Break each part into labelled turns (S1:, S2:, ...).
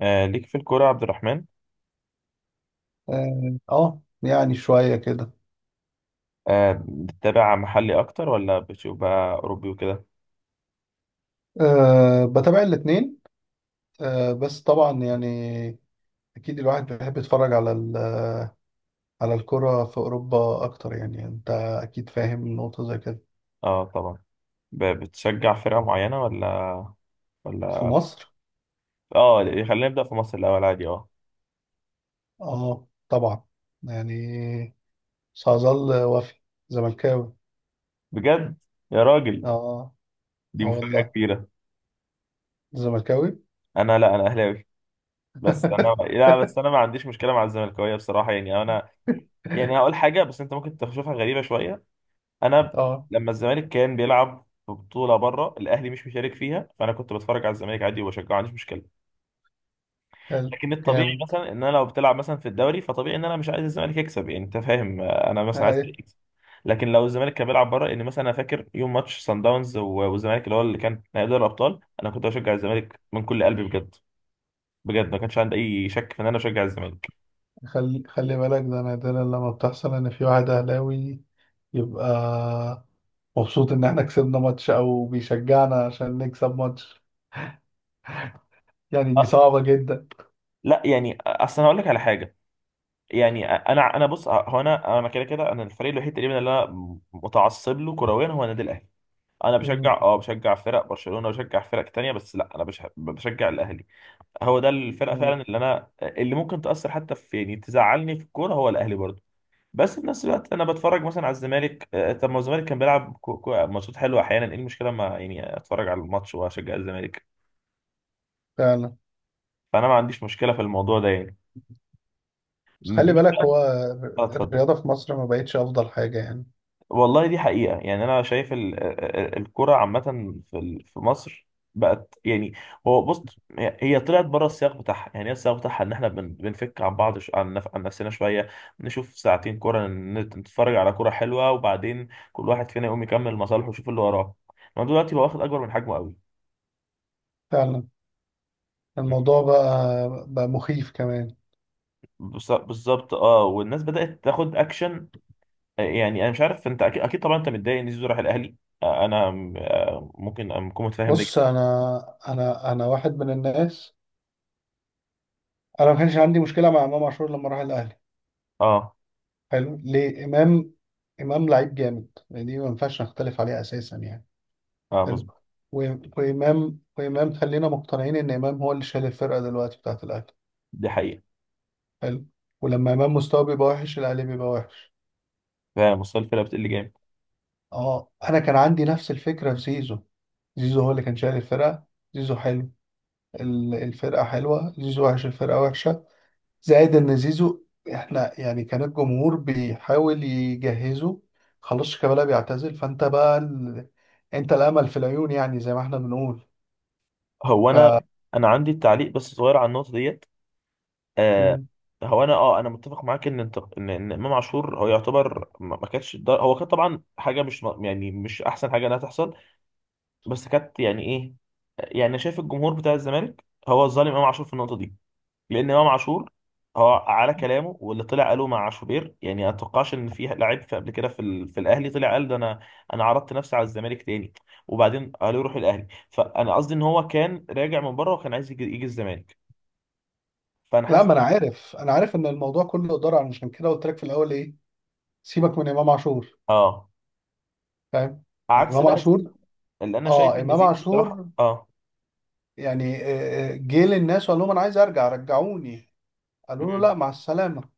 S1: ليك في الكورة يا عبد الرحمن.
S2: اه يعني شوية كده.
S1: بتتابع محلي أكتر ولا بتشوف بقى أوروبي وكده؟
S2: أه بتابع الاتنين. أه بس طبعا يعني اكيد الواحد بيحب يتفرج على على الكرة في اوروبا اكتر، يعني انت اكيد فاهم نقطة زي كده.
S1: اه، طبعا. بتشجع فرقة معينة ولا
S2: في
S1: ولا
S2: مصر.
S1: اه، خلينا نبدأ في مصر الأول عادي
S2: اه طبعا، يعني سأظل وفي زملكاوي.
S1: بجد، يا راجل،
S2: اه.
S1: دي
S2: اه
S1: مفاجأة
S2: والله،
S1: كبيرة.
S2: زملكاوي.
S1: لا، أنا أهلاوي. بس أنا لا، بس أنا ما عنديش مشكلة مع الزملكاوية، بصراحة. يعني أنا، يعني هقول حاجة بس أنت ممكن تشوفها غريبة شوية. أنا
S2: اه.
S1: لما الزمالك كان بيلعب في بطولة بره الأهلي مش مشارك فيها، فأنا كنت بتفرج على الزمالك عادي وبشجعه، ما عنديش مشكلة.
S2: حلو.
S1: لكن الطبيعي
S2: جامد.
S1: مثلا ان انا لو بتلعب مثلا في الدوري، فطبيعي ان انا مش عايز الزمالك يكسب، يعني انت فاهم. انا مثلا عايز الفريق يكسب. لكن لو الزمالك كان بيلعب بره، ان مثلا انا فاكر يوم ماتش سان داونز و- والزمالك اللي كان نهائي دوري الابطال، انا كنت بشجع الزمالك من كل قلبي بجد. بجد، ما كانش عندي اي شك في ان انا بشجع الزمالك.
S2: خلي بالك، ده نادرا لما بتحصل ان في واحد اهلاوي يبقى مبسوط ان احنا كسبنا ماتش او بيشجعنا عشان نكسب ماتش. يعني دي
S1: آه،
S2: صعبة جدا.
S1: لا يعني، اصل انا هقول لك على حاجه. يعني انا بص، هو انا، انا كده كده انا الفريق الوحيد تقريبا اللي انا متعصب له كرويا هو النادي الاهلي. انا بشجع،
S2: مم.
S1: بشجع فرق برشلونه وبشجع فرق تانية، بس لا انا بشجع الاهلي. هو ده الفرقه
S2: مم.
S1: فعلا اللي ممكن تاثر حتى في، يعني تزعلني في الكوره، هو الاهلي برضه. بس في نفس الوقت انا بتفرج مثلا على الزمالك. طب ما هو الزمالك كان بيلعب ماتشات حلوه احيانا، ايه المشكله ما يعني اتفرج على الماتش واشجع الزمالك؟
S2: فعلا.
S1: فانا ما عنديش مشكله في الموضوع ده يعني.
S2: بس خلي
S1: مين
S2: بالك،
S1: بقى؟
S2: هو
S1: اتفضل.
S2: الرياضة في مصر ما بقتش افضل حاجة يعني.
S1: والله دي حقيقة، يعني أنا شايف الكرة عامة في في مصر بقت يعني. هو بص، هي طلعت بره السياق بتاعها، يعني هي السياق بتاعها إن إحنا بنفك عن بعض، عن نفسنا شوية، نشوف ساعتين كرة، نتفرج على كرة حلوة، وبعدين كل واحد فينا يقوم يكمل مصالحه ويشوف اللي وراه. إنما دلوقتي بقى واخد أكبر من حجمه قوي.
S2: فعلا. الموضوع بقى مخيف كمان.
S1: بالظبط. اه، والناس بدأت تاخد اكشن. يعني انا مش عارف، انت أكيد طبعا انت متضايق ان زيزو راح الاهلي. انا ممكن اكون متفاهم ده
S2: بص،
S1: جدا.
S2: انا واحد من الناس. انا ما كانش عندي مشكلة مع امام عاشور لما راح الاهلي.
S1: اه،
S2: حلو. ليه امام؟ امام لعيب جامد، يعني دي ما ينفعش نختلف عليها اساسا يعني.
S1: اه،
S2: حلو. وإمام خلينا مقتنعين إن إمام هو اللي شايل الفرقة دلوقتي بتاعة الأهلي.
S1: دي حقيقة.
S2: حلو. ولما إمام مستواه بيبقى وحش الأهلي بيبقى وحش.
S1: فمستوى الفرقة بتقل جامد.
S2: أه، أنا كان عندي نفس الفكرة في زيزو. زيزو هو اللي كان شايل الفرقة. زيزو حلو الفرقة حلوة، زيزو وحش الفرقة وحشة. زائد إن زيزو، إحنا يعني كان الجمهور بيحاول يجهزه. خلاص شيكابالا بيعتزل، فأنت بقى أنت الأمل في العيون، يعني زي ما إحنا بنقول.
S1: هو أنا عندي التعليق، بس صغير على النقطة ديت. آه هو أنا، أنا متفق معاك إن أنت، إن إمام عاشور هو يعتبر، ما كانش هو كان طبعا حاجة مش، يعني مش أحسن حاجة إنها تحصل. بس كانت يعني إيه، يعني شايف الجمهور بتاع الزمالك هو ظالم إمام عاشور في النقطة دي. لان امام عاشور هو على كلامه واللي طلع قاله مع شوبير، يعني ما اتوقعش ان في لعيب في قبل كده في الاهلي طلع قال ده. انا، انا عرضت نفسي على الزمالك تاني وبعدين قالوا يروح الاهلي، فانا قصدي ان هو كان راجع من بره وكان عايز يجي الزمالك. فانا
S2: لا،
S1: حاسس.
S2: ما انا عارف ان الموضوع كله اداره، عشان كده قلت لك في الاول ايه. سيبك من امام عاشور.
S1: اه،
S2: فاهم.
S1: عكس
S2: امام
S1: بقى زيزو
S2: عاشور.
S1: اللي انا شايف
S2: اه،
S1: ان
S2: امام
S1: زيزو بصراحه
S2: عاشور،
S1: اه.
S2: يعني جه للناس وقال لهم انا عايز ارجع رجعوني. قالوا له لا،
S1: امم
S2: مع السلامه،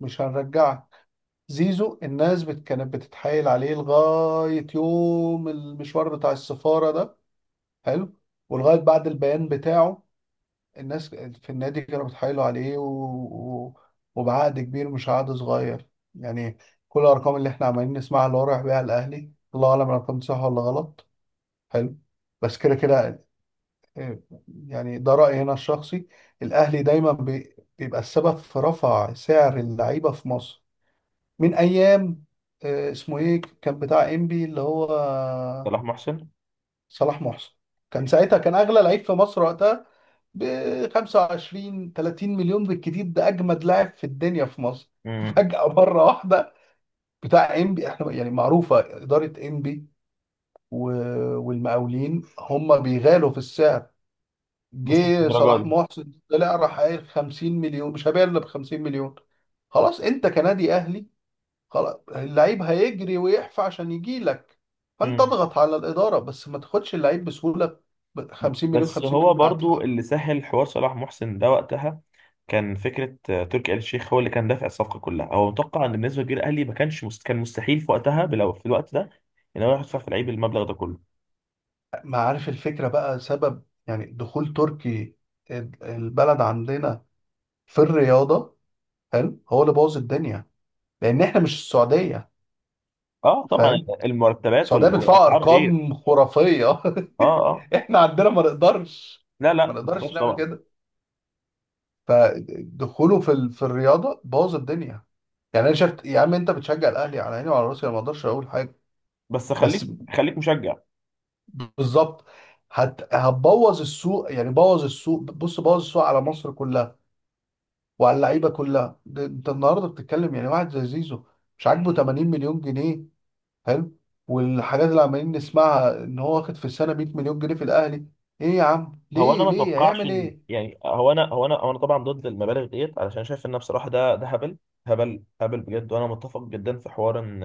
S2: مش هنرجعك. زيزو، الناس كانت بتتحايل عليه لغايه يوم المشوار بتاع السفاره ده. حلو. ولغايه بعد البيان بتاعه، الناس في النادي كانوا بيتحايلوا عليه و... وبعقد كبير مش عقد صغير. يعني كل الارقام اللي احنا عمالين نسمعها اللي هو رايح بيها الاهلي الله اعلم الارقام دي صح ولا غلط. حلو. بس كده كده. آه، يعني ده رايي هنا الشخصي. الاهلي دايما بيبقى السبب في رفع سعر اللعيبه في مصر، من ايام اسمه ايه كان بتاع انبي اللي هو
S1: صلاح محسن.
S2: صلاح محسن. كان ساعتها كان اغلى لعيب في مصر وقتها ب 25 30 مليون بالكتير، ده اجمد لاعب في الدنيا في مصر
S1: امم
S2: فجأة مرة واحدة. بتاع انبي، احنا يعني معروفة إدارة انبي والمقاولين هم بيغالوا في السعر.
S1: بس مش
S2: جه
S1: الدرجه
S2: صلاح
S1: دي.
S2: محسن طلع راح قايل 50 مليون، مش هبيع الا ب 50 مليون. خلاص، انت كنادي اهلي خلاص اللعيب هيجري ويحفى عشان يجي لك، فانت
S1: امم
S2: اضغط على الإدارة بس ما تاخدش اللعيب بسهولة ب 50 مليون.
S1: بس
S2: 50
S1: هو
S2: مليون هدفع.
S1: برضو اللي سهل حوار صلاح محسن ده وقتها، كان فكره تركي آل الشيخ هو اللي كان دافع الصفقه كلها، هو متوقع ان بالنسبه للجيل الاهلي ما كانش مست... كان مستحيل في وقتها في الوقت ده ان هو يدفع في لعيب المبلغ ده كله.
S2: ما عارف، الفكرة بقى سبب يعني دخول تركي البلد عندنا في الرياضة. حلو، هو اللي بوظ الدنيا، لأن إحنا مش السعودية.
S1: اه، طبعا.
S2: فاهم؟
S1: المرتبات
S2: السعودية
S1: وال...
S2: بتدفع
S1: والاسعار غير.
S2: أرقام خرافية.
S1: اه، اه،
S2: إحنا عندنا ما نقدرش.
S1: لا، لا،
S2: ما
S1: ما
S2: نقدرش
S1: تقدرش
S2: نعمل
S1: طبعا.
S2: كده. فدخوله في في الرياضة بوظ الدنيا. يعني أنا شفت يا عم، أنت بتشجع الأهلي على عيني وعلى راسي، أنا ما أقدرش أقول حاجة.
S1: بس،
S2: بس
S1: خليك خليك مشجع.
S2: بالظبط، هتبوظ السوق، يعني بوظ السوق. بص بوظ السوق على مصر كلها وعلى اللعيبه كلها. ده انت النهارده بتتكلم يعني واحد زي زيزو مش عاجبه 80 مليون جنيه. حلو. والحاجات اللي عمالين نسمعها ان هو واخد في السنه 100 مليون جنيه في الاهلي. ايه يا عم،
S1: هو انا
S2: ليه
S1: ما
S2: ليه
S1: اتوقعش
S2: هيعمل
S1: ان،
S2: ايه؟
S1: يعني هو انا، هو انا طبعا ضد المبالغ ديت، علشان شايف ان بصراحه ده هبل. هبل، هبل، بجد. وانا متفق جدا في حوار ان،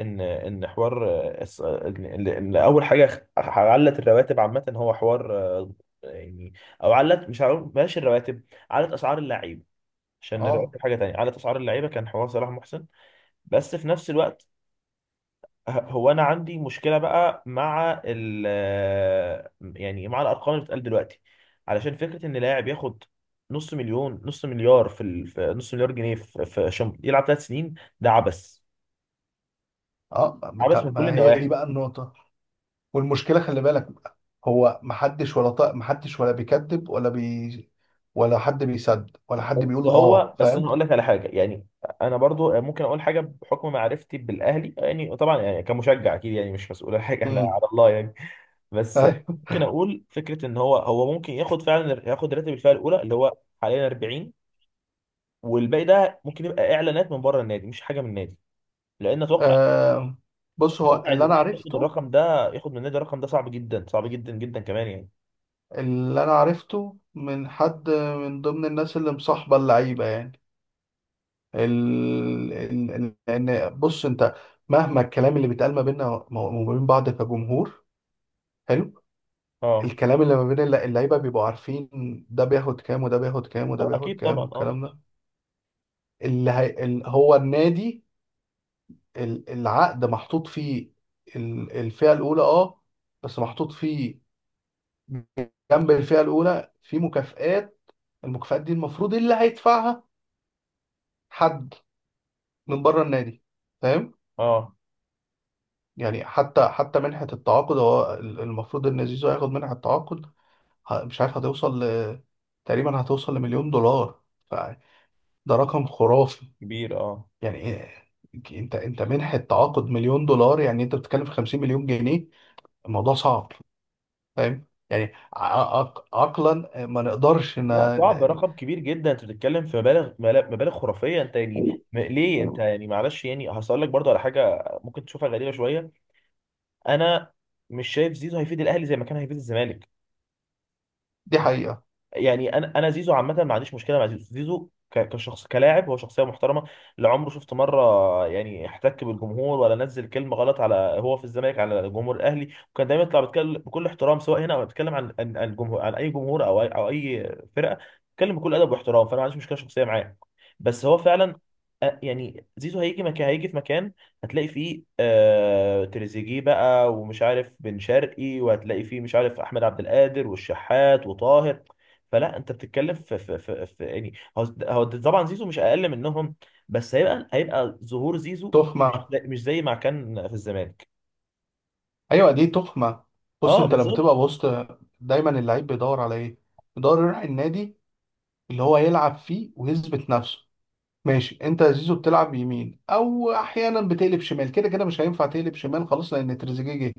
S1: ان حوار، ان، إن اول حاجه، علت الرواتب عامه. هو حوار، يعني او علت، مش هقول بلاش الرواتب، علت اسعار اللعيبه، عشان
S2: اه
S1: الرواتب حاجه تانية. علت اسعار اللعيبه كان حوار صلاح محسن. بس في نفس الوقت هو انا عندي مشكله بقى مع ال يعني مع الارقام اللي بتتقال دلوقتي، علشان فكره ان لاعب ياخد، نص مليار في, ال... في نص مليار جنيه، في, في عشان يلعب ثلاث سنين. ده عبث،
S2: اه.
S1: عبث من كل
S2: ما هي دي
S1: النواحي.
S2: بقى النقطه. والمشكله خلي بالك، هو محدش ولا بيكذب ولا حد بيصدق ولا حد
S1: بس
S2: بيقول. اه
S1: هو، انا
S2: فاهم.
S1: هقول لك على حاجه يعني. انا برضو ممكن اقول حاجه بحكم معرفتي بالاهلي، يعني طبعا يعني كمشجع اكيد، يعني مش مسؤول عن حاجه، احنا
S2: امم.
S1: على الله يعني. بس
S2: ايوه.
S1: ممكن اقول فكره ان هو ممكن ياخد فعلا راتب الفئه الاولى اللي هو حاليا 40، والباقي ده ممكن يبقى اعلانات من بره النادي، مش حاجه من النادي. لان اتوقع،
S2: آه بص، هو
S1: ان
S2: اللي انا
S1: النادي ياخد
S2: عرفته.
S1: الرقم ده، ياخد من النادي الرقم ده صعب جدا، صعب جدا جدا كمان يعني.
S2: اللي انا عرفته من حد من ضمن الناس اللي مصاحبه اللعيبه يعني، لان بص انت مهما الكلام اللي بيتقال ما بيننا وما بين بعض كجمهور، حلو،
S1: اه،
S2: الكلام اللي ما بين اللعيبه بيبقوا عارفين ده بياخد كام وده بياخد كام وده
S1: اه،
S2: بياخد
S1: اكيد
S2: كام،
S1: طبعا. اه،
S2: والكلام ده هو النادي العقد محطوط فيه الفئه الاولى اه، بس محطوط فيه جنب الفئه الاولى في مكافآت. المكافآت دي المفروض اللي هيدفعها حد من بره النادي. فاهم
S1: اه،
S2: يعني. حتى منحة التعاقد هو المفروض ان زيزو هياخد منحة التعاقد. مش عارف، هتوصل تقريبا هتوصل لمليون دولار. فده رقم خرافي.
S1: كبير، اه.
S2: يعني انت منحة تعاقد مليون دولار، يعني انت بتتكلم في 50 مليون جنيه. الموضوع صعب. فاهم يعني. عقلا ما نقدرش
S1: لا، صعب، رقم كبير جدا، انت بتتكلم في مبالغ، مبالغ خرافيه انت يعني. ليه انت يعني، معلش، يعني هسأل لك برضه على حاجه ممكن تشوفها غريبه شويه. انا مش شايف زيزو هيفيد الاهلي زي ما كان هيفيد الزمالك.
S2: دي حقيقة.
S1: يعني انا زيزو عامه ما عنديش مشكله مع زيزو، زيزو كشخص، كلاعب، هو شخصيه محترمه. لا عمره، شفت مره يعني احتك بالجمهور ولا نزل كلمه غلط، على هو في الزمالك على جمهور الاهلي. وكان دايما يطلع بيتكلم بكل احترام، سواء هنا او بيتكلم عن الجمهور، عن اي جمهور او اي فرقه، بيتكلم بكل ادب واحترام. فانا ما عنديش مشكله شخصيه معاه، بس هو فعلا، يعني زيزو هيجي في مكان هتلاقي فيه، تريزيجيه بقى، ومش عارف بن شرقي، وهتلاقي فيه مش عارف احمد عبد القادر والشحات وطاهر. فلا انت بتتكلم في، يعني هو طبعا زيزو مش اقل منهم، بس هيبقى، ظهور زيزو مش
S2: تخمة.
S1: مش زي ما كان في الزمالك.
S2: ايوه دي تخمه. بص،
S1: اه،
S2: انت لما
S1: بالظبط.
S2: تبقى بوسط دايما اللعيب بيدور على ايه. بيدور يروح النادي اللي هو يلعب فيه ويثبت نفسه. ماشي، انت يا زيزو بتلعب يمين او احيانا بتقلب شمال، كده كده مش هينفع تقلب شمال، خلاص لان تريزيجيه جه.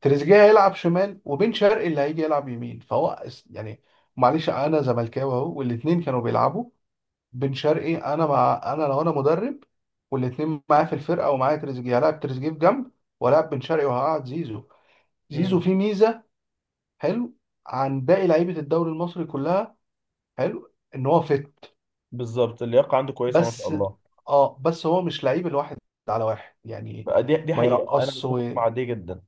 S2: تريزيجيه هيلعب شمال وبن شرقي اللي هيجي يلعب يمين. فهو يعني معلش، انا زملكاوي اهو، والاتنين كانوا بيلعبوا، بن شرقي انا مع، انا لو انا مدرب والاتنين معايا في الفرقه ومعايا تريزيجيه هلاعب تريزيجيه في جنب ولاعب بن شرقي وهقعد زيزو. زيزو
S1: امم
S2: فيه ميزه، حلو، عن باقي لعيبه الدوري المصري كلها. حلو ان هو فت،
S1: بالظبط، اللياقه عنده كويسه ما شاء
S2: بس
S1: الله.
S2: اه بس هو مش لعيب الواحد على واحد يعني،
S1: بقى دي
S2: ما
S1: حقيقه، انا
S2: يرقصش
S1: متفق مع دي جدا.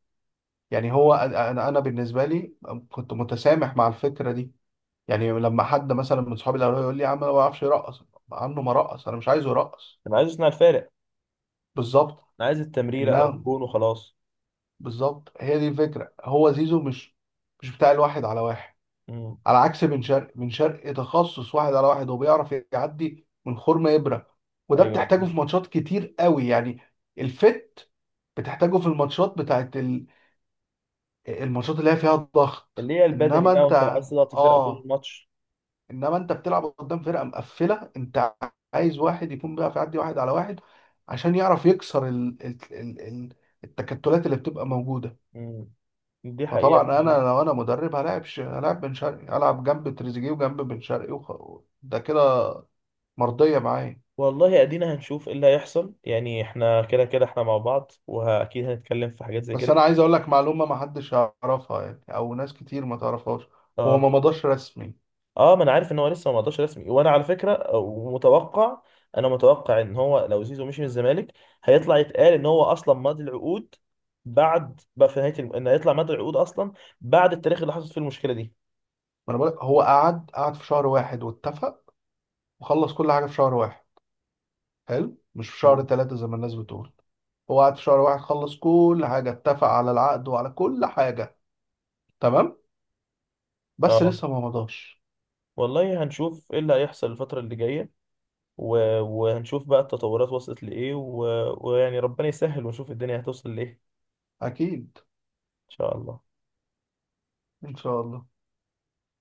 S2: يعني هو انا بالنسبه لي كنت متسامح مع الفكره دي. يعني لما حد مثلا من صحابي الاول يقول لي يا عم انا ما بعرفش يرقص، عنه ما رقص، انا مش عايزه يرقص.
S1: انا عايز اصنع الفارق،
S2: بالظبط.
S1: انا عايز التمريره او
S2: انها
S1: الجون وخلاص.
S2: بالظبط هي دي الفكره. هو زيزو مش بتاع الواحد على واحد.
S1: امم
S2: على عكس بن شرقي، بن شرقي تخصص واحد على واحد وبيعرف يعدي من خرم إبرة، وده
S1: ايوه،
S2: بتحتاجه في ماتشات كتير قوي يعني. الفت بتحتاجه في الماتشات بتاعت الماتشات اللي هي فيها
S1: اللي
S2: الضغط
S1: هي البدني
S2: انما
S1: بقى،
S2: انت.
S1: وانت عايز تضغط الفرقه طول
S2: اه.
S1: الماتش.
S2: انما انت بتلعب قدام فرقة مقفلة، انت عايز واحد يكون بيعرف يعدي واحد على واحد عشان يعرف يكسر التكتلات اللي بتبقى موجودة.
S1: امم دي
S2: فطبعا انا
S1: حقيقه.
S2: لو انا مدرب هلاعب هلاعب بن شرقي هلعب جنب تريزيجيه وجنب بن شرقي ده كده مرضيه معايا.
S1: والله ادينا هنشوف ايه اللي هيحصل، يعني احنا كده كده احنا مع بعض، واكيد هنتكلم في حاجات زي
S2: بس
S1: كده
S2: انا عايز
S1: كتير.
S2: اقول لك معلومه ما حدش يعرفها يعني او ناس كتير ما تعرفهاش. هو ما
S1: اه،
S2: مضاش رسمي.
S1: اه، ما انا عارف ان هو لسه ما مضاش رسمي، وانا على فكره متوقع انا متوقع ان هو لو زيزو مشي من الزمالك، هيطلع يتقال ان هو اصلا ماضي العقود، بعد بقى في نهايه ان هيطلع ماضي العقود اصلا، بعد التاريخ اللي حصلت فيه المشكله دي.
S2: ما انا بقول لك، هو قعد في شهر واحد واتفق وخلص كل حاجه في شهر واحد. حلو، مش في
S1: مم.
S2: شهر ثلاثة زي ما الناس بتقول. هو قعد في شهر واحد خلص كل حاجه اتفق على العقد وعلى كل حاجه. تمام، بس
S1: اه،
S2: لسه ما مضاش.
S1: والله هنشوف ايه اللي هيحصل الفترة اللي جاية، و... وهنشوف بقى التطورات وصلت لإيه، ويعني ربنا يسهل ونشوف الدنيا هتوصل لإيه إن
S2: اكيد
S1: شاء الله.
S2: ان شاء الله.